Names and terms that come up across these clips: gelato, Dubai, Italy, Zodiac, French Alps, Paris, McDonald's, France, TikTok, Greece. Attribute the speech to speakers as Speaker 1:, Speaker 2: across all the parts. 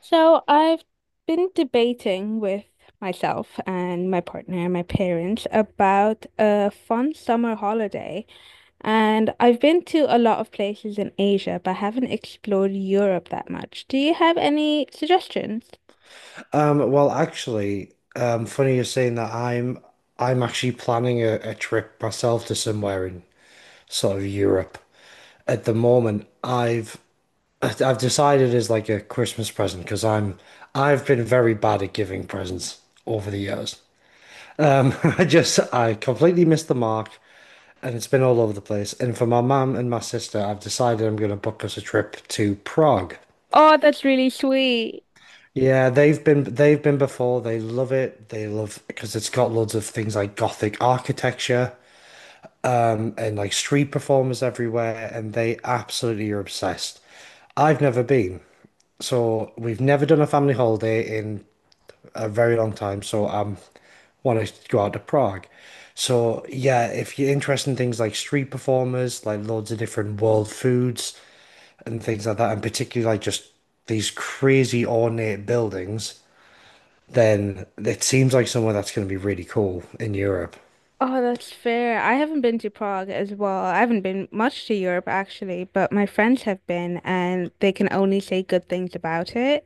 Speaker 1: So I've been debating with myself and my partner and my parents about a fun summer holiday. And I've been to a lot of places in Asia, but haven't explored Europe that much. Do you have any suggestions?
Speaker 2: Well, actually, funny you're saying that I'm actually planning a trip myself to somewhere in sort of Europe. At the moment, I've decided as like a Christmas present because I've been very bad at giving presents over the years. I completely missed the mark and it's been all over the place. And for my mum and my sister, I've decided I'm going to book us a trip to Prague.
Speaker 1: Oh, that's really sweet.
Speaker 2: Yeah, they've been before. They love it. They love because it's got loads of things like Gothic architecture and like street performers everywhere, and they absolutely are obsessed. I've never been, so we've never done a family holiday in a very long time. So I'm want to go out to Prague. So yeah, if you're interested in things like street performers, like loads of different world foods and things like that, and particularly like just these crazy ornate buildings, then it seems like somewhere that's going to be really cool in Europe.
Speaker 1: Oh, that's fair. I haven't been to Prague as well. I haven't been much to Europe actually, but my friends have been and they can only say good things about it.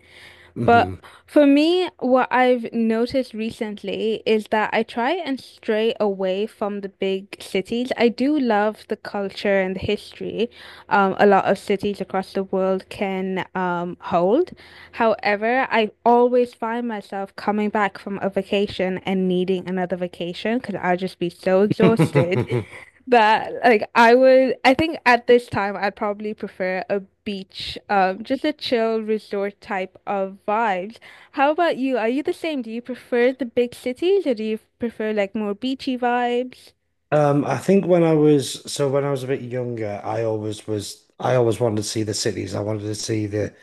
Speaker 1: But
Speaker 2: Hmm.
Speaker 1: for me, what I've noticed recently is that I try and stray away from the big cities. I do love the culture and the history a lot of cities across the world can hold. However, I always find myself coming back from a vacation and needing another vacation because I'll just be so exhausted,
Speaker 2: um,
Speaker 1: but like I would, I think at this time I'd probably prefer a beach, just a chill resort type of vibes. How about you? Are you the same? Do you prefer the big cities or do you prefer like more beachy vibes?
Speaker 2: I think when I was a bit younger, I always wanted to see the cities. I wanted to see the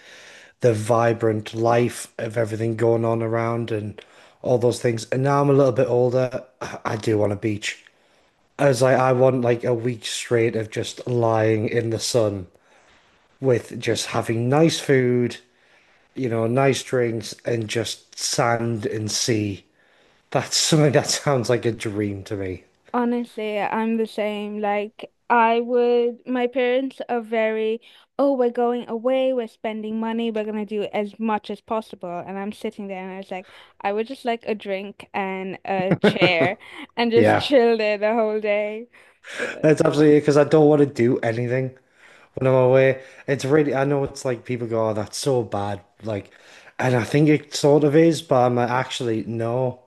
Speaker 2: the vibrant life of everything going on around and all those things. And now I'm a little bit older, I do want a beach. I was like, I want like a week straight of just lying in the sun with just having nice food, nice drinks and just sand and sea. That's something that sounds like a dream to me.
Speaker 1: Honestly, I'm the same. Like, I would, my parents are very, oh, we're going away, we're spending money, we're gonna do as much as possible. And I'm sitting there and I was like, I would just like a drink and a chair and just
Speaker 2: Yeah,
Speaker 1: chill there the whole day.
Speaker 2: that's absolutely because I don't want to do anything when I'm away. It's really, I know it's like people go, oh, that's so bad. Like, and I think it sort of is, but I'm like, actually, no,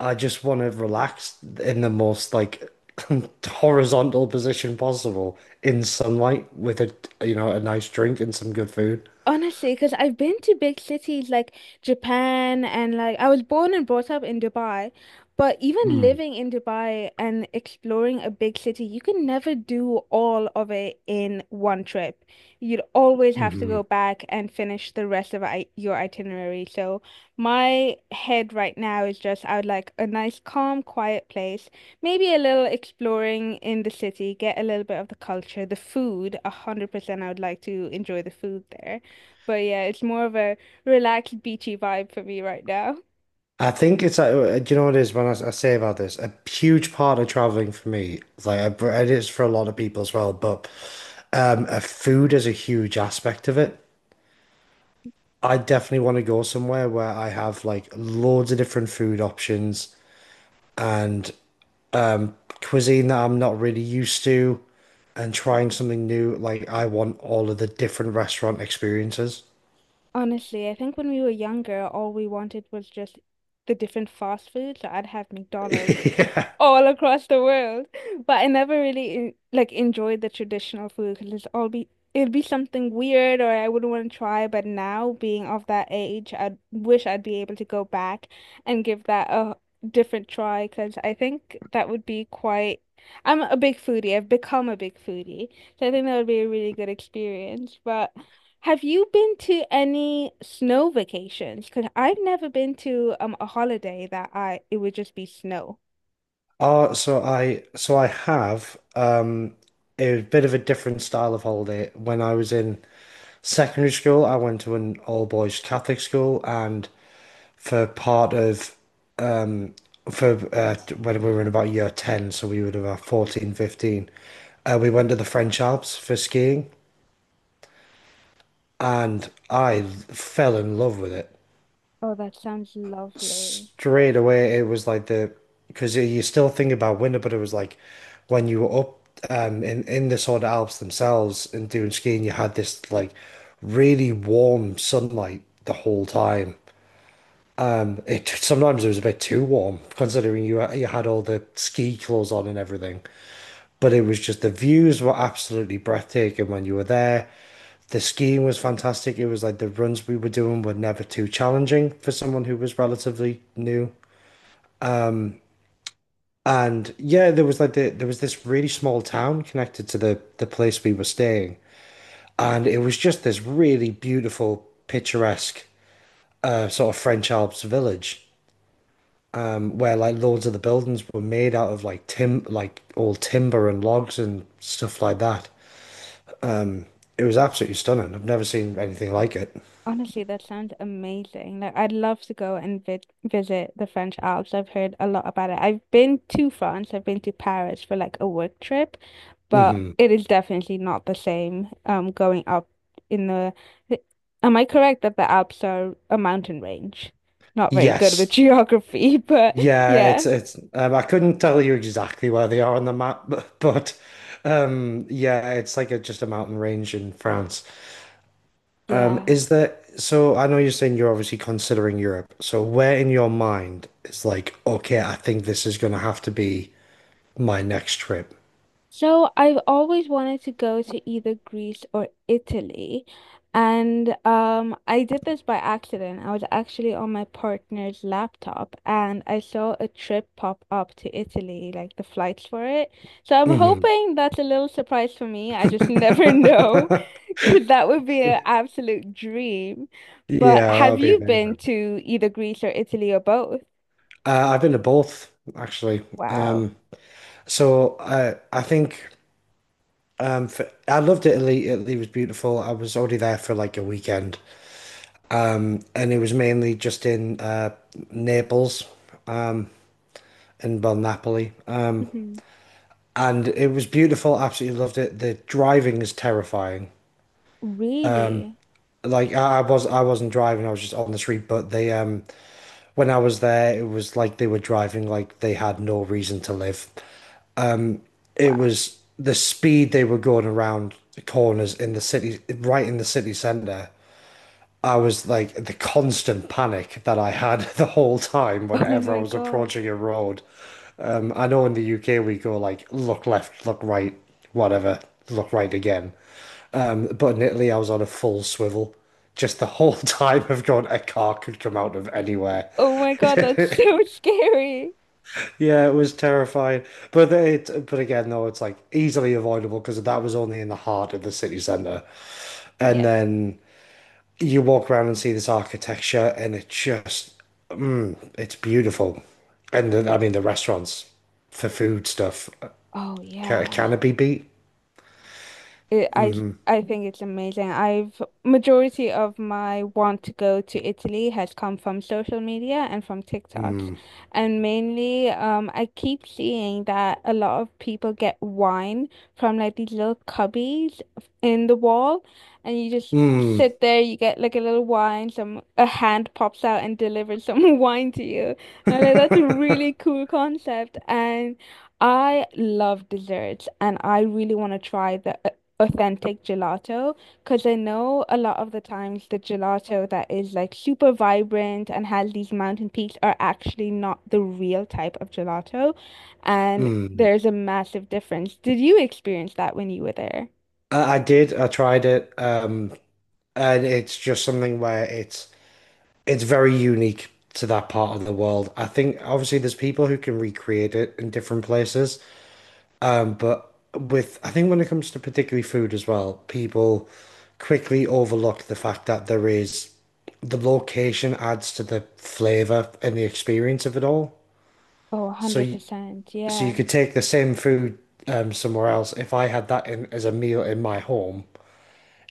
Speaker 2: I just want to relax in the most like horizontal position possible in sunlight with a nice drink and some good food.
Speaker 1: Honestly, because I've been to big cities like Japan and like I was born and brought up in Dubai, but even
Speaker 2: Mm.
Speaker 1: living in Dubai and exploring a big city, you can never do all of it in one trip. You'd always have to go
Speaker 2: Mhm.
Speaker 1: back and finish the rest of I your itinerary. So my head right now is just I would like a nice, calm, quiet place, maybe a little exploring in the city, get a little bit of the culture, the food, 100% I would like to enjoy the food there. But yeah, it's more of a relaxed, beachy vibe for me right now.
Speaker 2: I think it's like, do you know what it is when I say about this? A huge part of traveling for me, like it is for a lot of people as well, but food is a huge aspect of it. I definitely want to go somewhere where I have like loads of different food options and um, cuisine that I'm not really used to, and trying something new. Like I want all of the different restaurant experiences.
Speaker 1: Honestly, I think when we were younger, all we wanted was just the different fast foods. So I'd have McDonald's
Speaker 2: Yeah.
Speaker 1: all across the world, but I never really like enjoyed the traditional food because it'd be something weird or I wouldn't want to try. But now, being of that age, I wish I'd be able to go back and give that a different try because I think that would be quite. I'm a big foodie. I've become a big foodie, so I think that would be a really good experience. But have you been to any snow vacations? Because I've never been to a holiday that I it would just be snow.
Speaker 2: So I have it was a bit of a different style of holiday. When I was in secondary school, I went to an all boys Catholic school, and for part of for when we were in about year 10, so we would have about 14, 15, we went to the French Alps for skiing, and I fell in love with it.
Speaker 1: Oh, that sounds lovely.
Speaker 2: Straight away it was like the because you still think about winter, but it was like when you were up in the Southern Alps themselves and doing skiing, you had this like really warm sunlight the whole time. It sometimes it was a bit too warm considering you had all the ski clothes on and everything, but it was just the views were absolutely breathtaking when you were there. The skiing was fantastic. It was like the runs we were doing were never too challenging for someone who was relatively new. And yeah, there was this really small town connected to the place we were staying, and it was just this really beautiful, picturesque sort of French Alps village, where like loads of the buildings were made out of like tim like old timber and logs and stuff like that. It was absolutely stunning. I've never seen anything like it.
Speaker 1: Honestly, that sounds amazing. Like I'd love to go and vi visit the French Alps. I've heard a lot about it. I've been to France. I've been to Paris for like a work trip, but
Speaker 2: Hmm.
Speaker 1: it is definitely not the same going up in the Am I correct that the Alps are a mountain range? Not very good with
Speaker 2: Yes.
Speaker 1: geography, but
Speaker 2: Yeah,
Speaker 1: yeah.
Speaker 2: it's I couldn't tell you exactly where they are on the map, but yeah, it's like just a mountain range in France. Um,
Speaker 1: Yeah.
Speaker 2: is there, so I know you're saying you're obviously considering Europe. So where in your mind is like, okay, I think this is gonna have to be my next trip?
Speaker 1: So I've always wanted to go to either Greece or Italy. And I did this by accident. I was actually on my partner's laptop and I saw a trip pop up to Italy, like the flights for it. So I'm
Speaker 2: Hmm.
Speaker 1: hoping that's a little surprise for me. I just never know because that would be an absolute dream. But
Speaker 2: Yeah, that
Speaker 1: have
Speaker 2: would be
Speaker 1: you
Speaker 2: amazing.
Speaker 1: been to either Greece or Italy or both?
Speaker 2: I've been to both actually.
Speaker 1: Wow.
Speaker 2: Um, so I think I loved Italy. Italy was beautiful. I was already there for like a weekend, and it was mainly just in Naples, um, and well Napoli.
Speaker 1: Mhm.
Speaker 2: And it was beautiful. Absolutely loved it. The driving is terrifying.
Speaker 1: Really?
Speaker 2: Like I wasn't driving. I was just on the street. But when I was there, it was like they were driving like they had no reason to live. It
Speaker 1: Wow.
Speaker 2: was the speed they were going around the corners in the city, right in the city center. I was like the constant panic that I had the whole time
Speaker 1: Oh
Speaker 2: whenever I
Speaker 1: my
Speaker 2: was
Speaker 1: God.
Speaker 2: approaching a road. I know in the UK we go like look left, look right, whatever, look right again. But in Italy, I was on a full swivel. Just the whole time of going, a car could come out of anywhere.
Speaker 1: Oh my God, that's so scary.
Speaker 2: Yeah, it was terrifying. But again, though, it's like easily avoidable because that was only in the heart of the city centre. And
Speaker 1: Yes.
Speaker 2: then you walk around and see this architecture, and it's beautiful. And then, I mean, the restaurants for food stuff.
Speaker 1: Oh
Speaker 2: Can,
Speaker 1: yeah.
Speaker 2: can it be beat?
Speaker 1: It, I think it's amazing. I've majority of my want to go to Italy has come from social media and from TikToks.
Speaker 2: Mm.
Speaker 1: And mainly, I keep seeing that a lot of people get wine from like these little cubbies in the wall, and you just
Speaker 2: Mm.
Speaker 1: sit there, you get like a little wine, some a hand pops out and delivers some wine to you. And I'm like, that's a really cool concept. And I love desserts and I really want to try the authentic gelato because I know a lot of the times the gelato that is like super vibrant and has these mountain peaks are actually not the real type of gelato. And
Speaker 2: Mm.
Speaker 1: there's a massive difference. Did you experience that when you were there?
Speaker 2: I did. I tried it. And it's just something where it's very unique to that part of the world. I think obviously there's people who can recreate it in different places, but with I think when it comes to particularly food as well, people quickly overlook the fact that the location adds to the flavor and the experience of it all.
Speaker 1: Oh,
Speaker 2: So you,
Speaker 1: 100%.
Speaker 2: so you
Speaker 1: Yeah.
Speaker 2: could take the same food somewhere else. If I had that in as a meal in my home,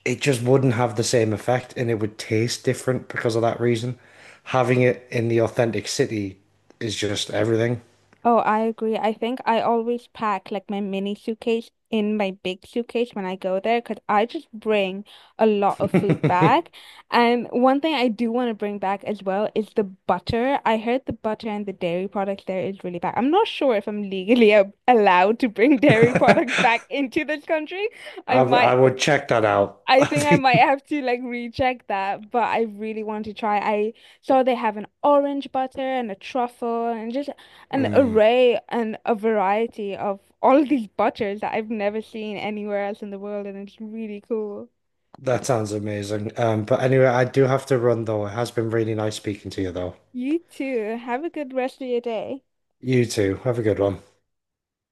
Speaker 2: it just wouldn't have the same effect and it would taste different because of that reason. Having it in the authentic city is just everything.
Speaker 1: Oh, I agree. I think I always pack like my mini suitcase in my big suitcase when I go there because I just bring a lot of food back. And one thing I do want to bring back as well is the butter. I heard the butter and the dairy products there is really bad. I'm not sure if I'm legally a allowed to bring dairy products
Speaker 2: I,
Speaker 1: back into this country. I
Speaker 2: w-
Speaker 1: might
Speaker 2: I would check that out.
Speaker 1: I think I might have to like recheck that, but I really want to try. I saw they have an orange butter and a truffle and just an
Speaker 2: Mm,
Speaker 1: array and a variety of all of these butters that I've never seen anywhere else in the world, and it's really cool.
Speaker 2: that sounds amazing. But anyway, I do have to run though. It has been really nice speaking to you though.
Speaker 1: You too. Have a good rest of your day.
Speaker 2: You too. Have a good one.